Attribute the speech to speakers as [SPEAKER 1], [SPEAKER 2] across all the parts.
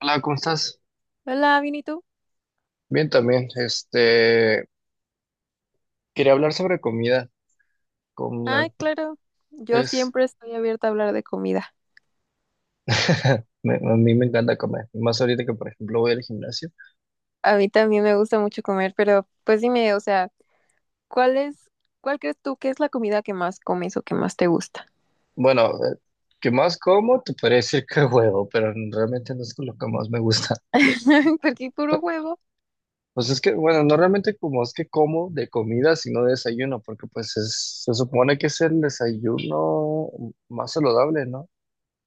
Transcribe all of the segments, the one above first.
[SPEAKER 1] Hola, ¿cómo estás?
[SPEAKER 2] Hola, ¿bien y tú?
[SPEAKER 1] Bien también. Quería hablar sobre comida. Como la-
[SPEAKER 2] Ay, claro, yo
[SPEAKER 1] es,
[SPEAKER 2] siempre estoy abierta a hablar de comida.
[SPEAKER 1] me- a mí me encanta comer. Más ahorita que, por ejemplo, voy al gimnasio.
[SPEAKER 2] A mí también me gusta mucho comer, pero pues dime, o sea, ¿cuál es, cuál crees tú que es la comida que más comes o que más te gusta?
[SPEAKER 1] Bueno, ¿que más como? Te podría decir que huevo, pero realmente no es lo que más me gusta.
[SPEAKER 2] Porque puro huevo,
[SPEAKER 1] Pues es que, bueno, no realmente como es que como de comida, sino de desayuno, porque pues es, se supone que es el desayuno más saludable, ¿no?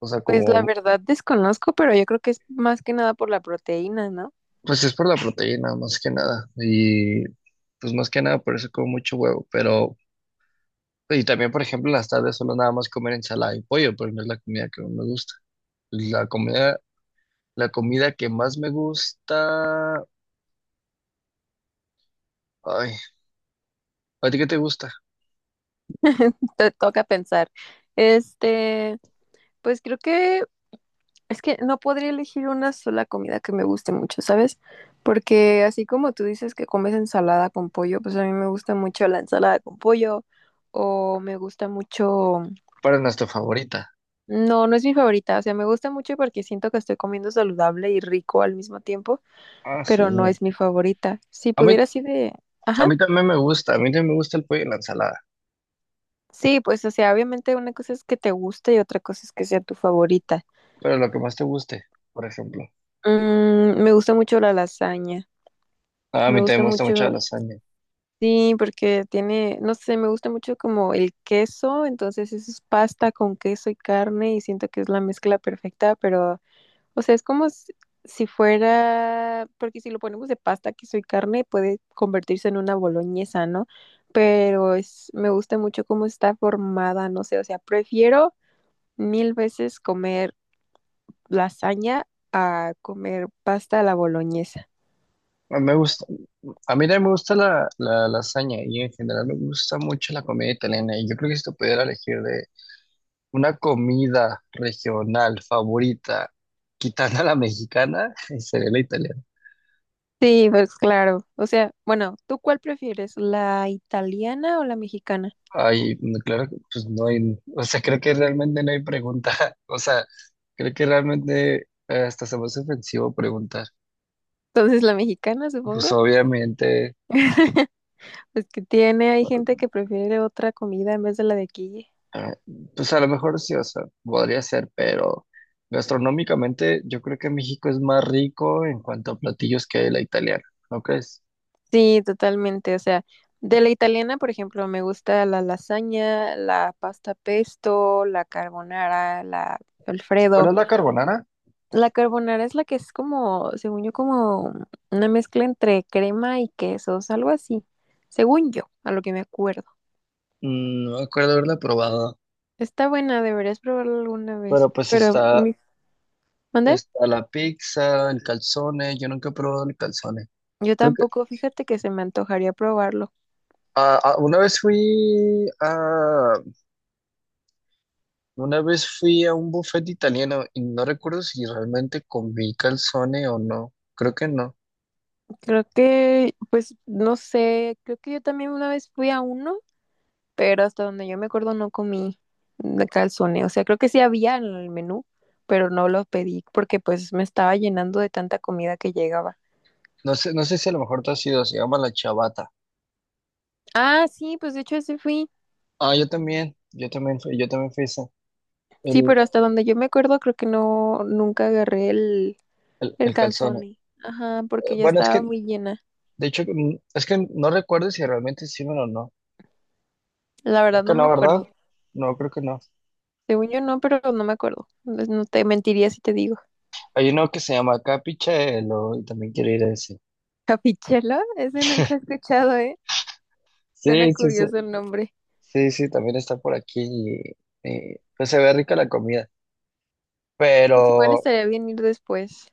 [SPEAKER 1] O sea,
[SPEAKER 2] pues la
[SPEAKER 1] como.
[SPEAKER 2] verdad desconozco, pero yo creo que es más que nada por la proteína, ¿no?
[SPEAKER 1] Pues es por la proteína, más que nada. Pues más que nada por eso como mucho huevo. Pero, y también, por ejemplo, en las tardes solo nada más comer ensalada y pollo, pero no es la comida que más me gusta. La comida, la comida que más me gusta. Ay, ¿a ti qué te gusta?
[SPEAKER 2] Te toca pensar. Este, pues creo que es que no podría elegir una sola comida que me guste mucho, ¿sabes? Porque así como tú dices que comes ensalada con pollo, pues a mí me gusta mucho la ensalada con pollo o me gusta mucho...
[SPEAKER 1] Para es nuestra favorita.
[SPEAKER 2] No, no es mi favorita, o sea, me gusta mucho porque siento que estoy comiendo saludable y rico al mismo tiempo,
[SPEAKER 1] Ah,
[SPEAKER 2] pero no
[SPEAKER 1] sí.
[SPEAKER 2] es mi favorita. Si
[SPEAKER 1] A mí,
[SPEAKER 2] pudiera así de...
[SPEAKER 1] a
[SPEAKER 2] Ajá.
[SPEAKER 1] mí también me gusta. A mí también me gusta el pollo y la ensalada.
[SPEAKER 2] Sí, pues o sea, obviamente una cosa es que te guste y otra cosa es que sea tu favorita.
[SPEAKER 1] Pero lo que más te guste, por ejemplo.
[SPEAKER 2] Mm, me gusta mucho la lasaña.
[SPEAKER 1] Ah, a
[SPEAKER 2] Me
[SPEAKER 1] mí también
[SPEAKER 2] gusta
[SPEAKER 1] me gusta mucho la
[SPEAKER 2] mucho.
[SPEAKER 1] lasaña.
[SPEAKER 2] Sí, porque tiene, no sé, me gusta mucho como el queso, entonces eso es pasta con queso y carne y siento que es la mezcla perfecta, pero, o sea, es como si si fuera, porque si lo ponemos de pasta, queso y carne puede convertirse en una boloñesa, ¿no? Pero es, me gusta mucho cómo está formada, no sé, o sea, prefiero mil veces comer lasaña a comer pasta a la boloñesa.
[SPEAKER 1] A mí me gusta, a mí también me gusta la lasaña y en general me gusta mucho la comida italiana. Y yo creo que si te pudiera elegir de una comida regional favorita, quitando a la mexicana, sería la italiana.
[SPEAKER 2] Sí, pues claro. O sea, bueno, ¿tú cuál prefieres, la italiana o la mexicana?
[SPEAKER 1] Ay, no, claro que pues no hay, o sea, creo que realmente no hay pregunta. O sea, creo que realmente hasta se me hace ofensivo preguntar.
[SPEAKER 2] Entonces, la mexicana,
[SPEAKER 1] Pues
[SPEAKER 2] supongo,
[SPEAKER 1] obviamente.
[SPEAKER 2] pues que tiene, hay gente que prefiere otra comida en vez de la de aquí.
[SPEAKER 1] Ah, pues a lo mejor sí, o sea, podría ser, pero gastronómicamente yo creo que México es más rico en cuanto a platillos que la italiana, ¿no crees?
[SPEAKER 2] Sí, totalmente. O sea, de la italiana, por ejemplo, me gusta la lasaña, la pasta pesto, la carbonara, la
[SPEAKER 1] ¿Cuál
[SPEAKER 2] Alfredo.
[SPEAKER 1] es la carbonara?
[SPEAKER 2] La carbonara es la que es como, según yo, como una mezcla entre crema y quesos, algo así, según yo, a lo que me acuerdo.
[SPEAKER 1] Mm, no me acuerdo haberla probado,
[SPEAKER 2] Está buena, deberías probarlo alguna vez.
[SPEAKER 1] pero pues
[SPEAKER 2] Pero,
[SPEAKER 1] está,
[SPEAKER 2] ¿mande?
[SPEAKER 1] está la pizza, el calzone, yo nunca he probado el calzone.
[SPEAKER 2] Yo
[SPEAKER 1] Creo que
[SPEAKER 2] tampoco, fíjate que se me antojaría probarlo.
[SPEAKER 1] una vez fui a una vez fui a un buffet italiano y no recuerdo si realmente comí calzone o no. Creo que no.
[SPEAKER 2] Creo que, pues, no sé, creo que yo también una vez fui a uno, pero hasta donde yo me acuerdo no comí de calzone. O sea, creo que sí había en el menú, pero no lo pedí porque pues me estaba llenando de tanta comida que llegaba.
[SPEAKER 1] No sé, no sé si a lo mejor tú has ido, se llama la Chavata.
[SPEAKER 2] Ah, sí, pues de hecho ese fui.
[SPEAKER 1] Ah, yo también fui ese,
[SPEAKER 2] Sí,
[SPEAKER 1] el,
[SPEAKER 2] pero hasta donde yo me acuerdo creo que no, nunca agarré
[SPEAKER 1] el,
[SPEAKER 2] el
[SPEAKER 1] el calzón.
[SPEAKER 2] calzone. Ajá, porque ya
[SPEAKER 1] Bueno, es
[SPEAKER 2] estaba
[SPEAKER 1] que,
[SPEAKER 2] muy llena.
[SPEAKER 1] de hecho, es que no recuerdo si realmente hicieron o no.
[SPEAKER 2] La
[SPEAKER 1] Creo
[SPEAKER 2] verdad no
[SPEAKER 1] que no,
[SPEAKER 2] me
[SPEAKER 1] ¿verdad?
[SPEAKER 2] acuerdo.
[SPEAKER 1] No, creo que no.
[SPEAKER 2] Según yo no, pero no me acuerdo. No, no te mentiría si te digo.
[SPEAKER 1] Hay uno que se llama Capichelo y también quiero ir a ese.
[SPEAKER 2] Capichela, ese nunca he escuchado, ¿eh? Suena
[SPEAKER 1] Sí, sí, sí.
[SPEAKER 2] curioso el nombre.
[SPEAKER 1] Sí, sí, también está por aquí y, pues se ve rica la comida.
[SPEAKER 2] Pues igual
[SPEAKER 1] Pero,
[SPEAKER 2] estaría bien ir después.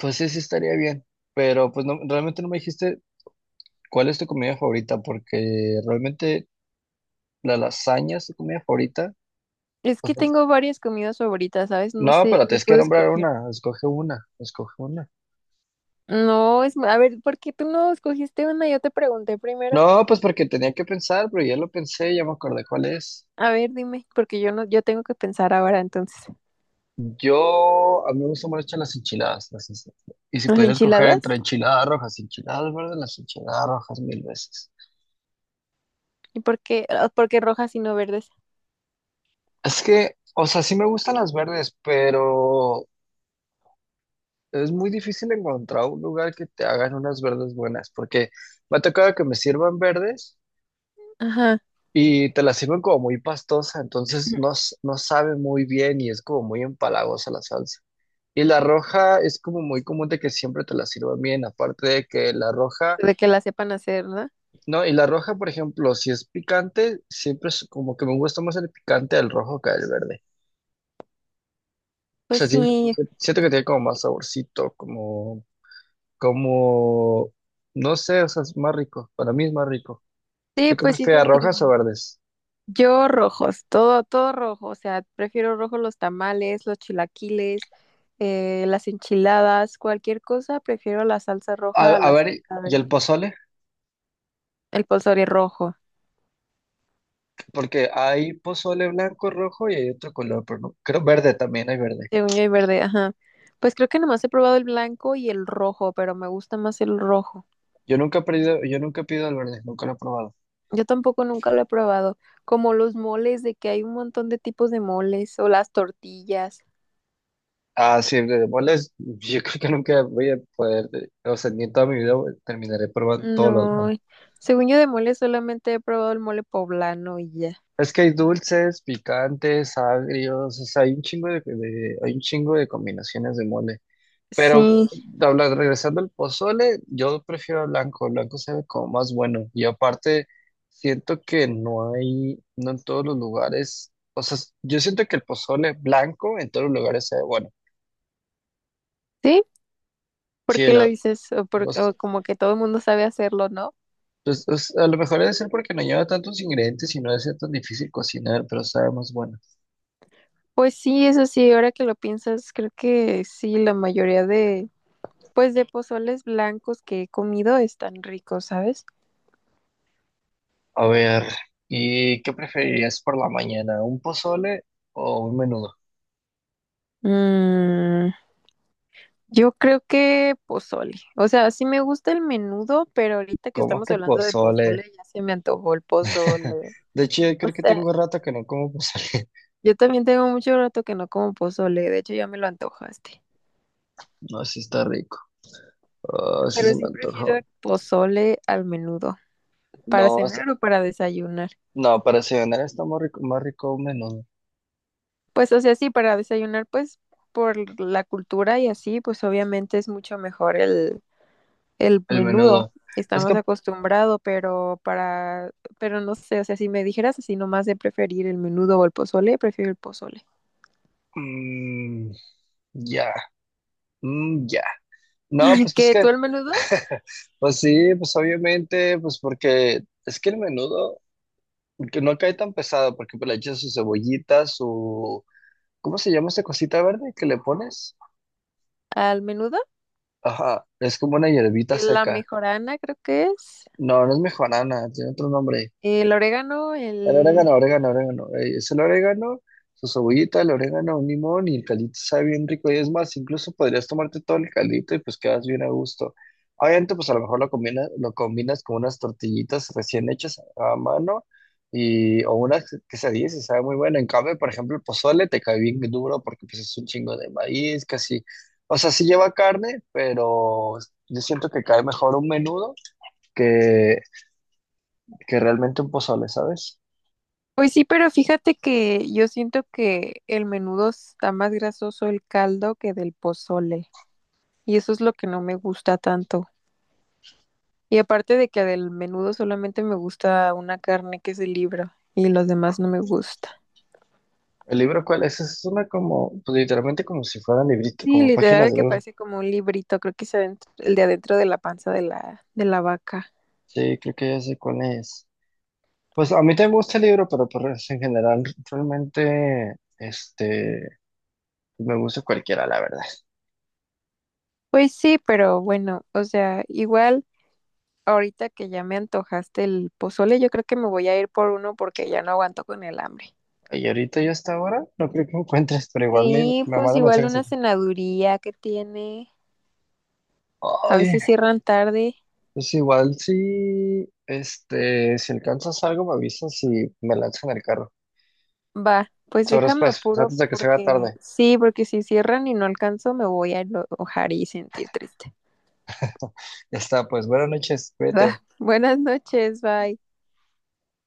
[SPEAKER 1] pues sí, sí estaría bien. Pero, pues no, realmente no me dijiste cuál es tu comida favorita, porque realmente la lasaña es tu comida favorita.
[SPEAKER 2] Es que
[SPEAKER 1] Pues, no,
[SPEAKER 2] tengo varias comidas favoritas, ¿sabes? No
[SPEAKER 1] no,
[SPEAKER 2] sé,
[SPEAKER 1] pero
[SPEAKER 2] no
[SPEAKER 1] tienes que
[SPEAKER 2] puedo
[SPEAKER 1] nombrar
[SPEAKER 2] escoger.
[SPEAKER 1] una. Escoge una. Escoge una.
[SPEAKER 2] No, es, a ver, ¿por qué tú no escogiste una? Yo te pregunté primero.
[SPEAKER 1] No, pues porque tenía que pensar, pero ya lo pensé, ya me acordé cuál es.
[SPEAKER 2] A ver, dime, porque yo no, yo tengo que pensar ahora entonces.
[SPEAKER 1] Yo, a mí me gustan mucho las enchiladas. Las enchi- y si
[SPEAKER 2] ¿Las
[SPEAKER 1] pudiera escoger entre
[SPEAKER 2] enchiladas?
[SPEAKER 1] enchiladas rojas y enchiladas verdes, las enchiladas rojas mil veces.
[SPEAKER 2] ¿Y por qué? Ah, ¿por qué rojas y no verdes?
[SPEAKER 1] Es que, o sea, sí me gustan las verdes, pero es muy difícil encontrar un lugar que te hagan unas verdes buenas, porque me ha tocado que me sirvan verdes.
[SPEAKER 2] Ajá.
[SPEAKER 1] Y te la sirven como muy pastosa, entonces no, s- no sabe muy bien y es como muy empalagosa la salsa. Y la roja es como muy común de que siempre te la sirvan bien, aparte de que la roja,
[SPEAKER 2] De que las sepan hacer, ¿no?
[SPEAKER 1] no, y la roja, por ejemplo, si es picante, siempre es como que me gusta más el picante del rojo que el verde. O
[SPEAKER 2] Pues
[SPEAKER 1] sea, siento,
[SPEAKER 2] sí,
[SPEAKER 1] siento que tiene como más saborcito, como, como, no sé, o sea, es más rico, para mí es más rico.
[SPEAKER 2] sí,
[SPEAKER 1] ¿Tú qué
[SPEAKER 2] pues sí te
[SPEAKER 1] prefieres, rojas o
[SPEAKER 2] entiendo.
[SPEAKER 1] verdes?
[SPEAKER 2] Yo rojos, todo, todo rojo, o sea, prefiero rojo los tamales, los chilaquiles, las enchiladas, cualquier cosa, prefiero la salsa roja a
[SPEAKER 1] A
[SPEAKER 2] la salsa
[SPEAKER 1] ver, ¿y el
[SPEAKER 2] verde.
[SPEAKER 1] pozole?
[SPEAKER 2] El pozole rojo,
[SPEAKER 1] Porque hay pozole blanco, rojo y hay otro color, pero no. Creo verde también, hay verde.
[SPEAKER 2] según yo y verde, ajá. Pues creo que nomás he probado el blanco y el rojo, pero me gusta más el rojo.
[SPEAKER 1] Yo nunca he pedido, yo nunca he pedido el verde, nunca lo he probado.
[SPEAKER 2] Yo tampoco nunca lo he probado, como los moles, de que hay un montón de tipos de moles, o las tortillas.
[SPEAKER 1] Ah, sí, el de bolas, yo creo que nunca voy a poder, o sea, ni en toda mi vida voy- terminaré probando todos los
[SPEAKER 2] No,
[SPEAKER 1] demás.
[SPEAKER 2] según yo de mole solamente he probado el mole poblano y ya.
[SPEAKER 1] Es que hay dulces, picantes, agrios, o sea, hay un chingo de- hay un chingo de combinaciones de mole. Pero
[SPEAKER 2] Sí.
[SPEAKER 1] habla- regresando al pozole, yo prefiero el blanco se ve como más bueno. Y aparte, siento que no hay, no en todos los lugares, o sea, yo siento que el pozole blanco en todos los lugares se ve bueno.
[SPEAKER 2] Sí, ¿por
[SPEAKER 1] Sí,
[SPEAKER 2] qué lo
[SPEAKER 1] lo,
[SPEAKER 2] dices? O, o
[SPEAKER 1] los-
[SPEAKER 2] como que todo el mundo sabe hacerlo, ¿no?
[SPEAKER 1] pues, pues, a lo mejor debe ser porque no lleva tantos ingredientes y no debe ser tan difícil cocinar, pero sabe más bueno.
[SPEAKER 2] Pues sí, eso sí, ahora que lo piensas, creo que sí, la mayoría de, pues de pozoles blancos que he comido están ricos, ¿sabes?
[SPEAKER 1] A ver, ¿y qué preferirías por la mañana? ¿Un pozole o un menudo?
[SPEAKER 2] Mm, yo creo que pozole. O sea, sí me gusta el menudo, pero ahorita que
[SPEAKER 1] ¿Cómo
[SPEAKER 2] estamos
[SPEAKER 1] que
[SPEAKER 2] hablando de
[SPEAKER 1] pozole?
[SPEAKER 2] pozole, ya se me antojó el pozole.
[SPEAKER 1] De hecho, yo
[SPEAKER 2] O
[SPEAKER 1] creo que
[SPEAKER 2] sea,
[SPEAKER 1] tengo rato que no como pozole.
[SPEAKER 2] yo también tengo mucho rato que no como pozole, de hecho ya me lo antojaste.
[SPEAKER 1] No, sí está rico. Ah, sí
[SPEAKER 2] Pero
[SPEAKER 1] se me
[SPEAKER 2] sí prefiero
[SPEAKER 1] antojó.
[SPEAKER 2] el pozole al menudo, para
[SPEAKER 1] No, o sea,
[SPEAKER 2] cenar o para desayunar.
[SPEAKER 1] no, para cenar está más rico un menudo.
[SPEAKER 2] Pues, o sea, sí, para desayunar, pues, por la cultura y así, pues obviamente es mucho mejor el
[SPEAKER 1] El
[SPEAKER 2] menudo.
[SPEAKER 1] menudo. Es
[SPEAKER 2] Estamos
[SPEAKER 1] que,
[SPEAKER 2] acostumbrados, pero para, pero no sé, o sea, si me dijeras así nomás de preferir el menudo o el pozole, prefiero el pozole.
[SPEAKER 1] mm, ya, ya. No, pues es
[SPEAKER 2] ¿Que tú
[SPEAKER 1] que,
[SPEAKER 2] el menudo?
[SPEAKER 1] pues sí, pues obviamente, pues porque es que el menudo que no cae tan pesado, porque pues, le echas su cebollita, su, ¿cómo se llama esa cosita verde que le pones?
[SPEAKER 2] Al menudo,
[SPEAKER 1] Ajá, es como una hierbita
[SPEAKER 2] la
[SPEAKER 1] seca.
[SPEAKER 2] mejorana creo que es,
[SPEAKER 1] No, no es mejorana, tiene otro nombre.
[SPEAKER 2] el orégano,
[SPEAKER 1] El orégano,
[SPEAKER 2] el...
[SPEAKER 1] orégano, orégano. Es el orégano, su cebollita, el orégano, un limón y el caldito sabe bien rico. Y es más, incluso podrías tomarte todo el caldito y pues quedas bien a gusto. Obviamente, pues a lo mejor lo combinas con unas tortillitas recién hechas a mano y, o unas quesadillas y sabe muy bueno. En cambio, por ejemplo, el pozole te cae bien duro porque pues es un chingo de maíz, casi. O sea, sí lleva carne, pero yo siento que cae mejor un menudo que, que realmente un pozole, ¿sabes?
[SPEAKER 2] Pues sí, pero fíjate que yo siento que el menudo está más grasoso el caldo que del pozole, y eso es lo que no me gusta tanto. Y aparte de que del menudo solamente me gusta una carne que es el libro y los demás no me gusta.
[SPEAKER 1] ¿El libro cuál es? Es una como, pues literalmente como si fueran librito,
[SPEAKER 2] Sí,
[SPEAKER 1] como páginas
[SPEAKER 2] literal
[SPEAKER 1] de
[SPEAKER 2] que
[SPEAKER 1] libro.
[SPEAKER 2] parece como un librito, creo que es adentro- el de adentro de la panza de de la vaca.
[SPEAKER 1] Sí, creo que ya sé cuál es. Pues a mí también me gusta el libro, pero pues en general realmente, pues, me gusta cualquiera, la verdad.
[SPEAKER 2] Pues sí, pero bueno, o sea, igual ahorita que ya me antojaste el pozole, yo creo que me voy a ir por uno porque ya no aguanto con el hambre.
[SPEAKER 1] Y ahorita yo hasta ahora no creo que encuentres, pero igual me,
[SPEAKER 2] Sí,
[SPEAKER 1] me
[SPEAKER 2] pues
[SPEAKER 1] manda
[SPEAKER 2] igual
[SPEAKER 1] mensajes.
[SPEAKER 2] una cenaduría que tiene. A
[SPEAKER 1] Ay,
[SPEAKER 2] veces cierran tarde.
[SPEAKER 1] pues igual si, si alcanzas algo me avisas y me lanzas en el carro.
[SPEAKER 2] Va, pues
[SPEAKER 1] Sabrás
[SPEAKER 2] déjame
[SPEAKER 1] pues,
[SPEAKER 2] apuro
[SPEAKER 1] antes de que se haga
[SPEAKER 2] porque
[SPEAKER 1] tarde.
[SPEAKER 2] sí, porque si cierran y no alcanzo me voy a enojar y sentir triste.
[SPEAKER 1] Ya está, pues buenas noches, cuídate.
[SPEAKER 2] Va, buenas noches, bye.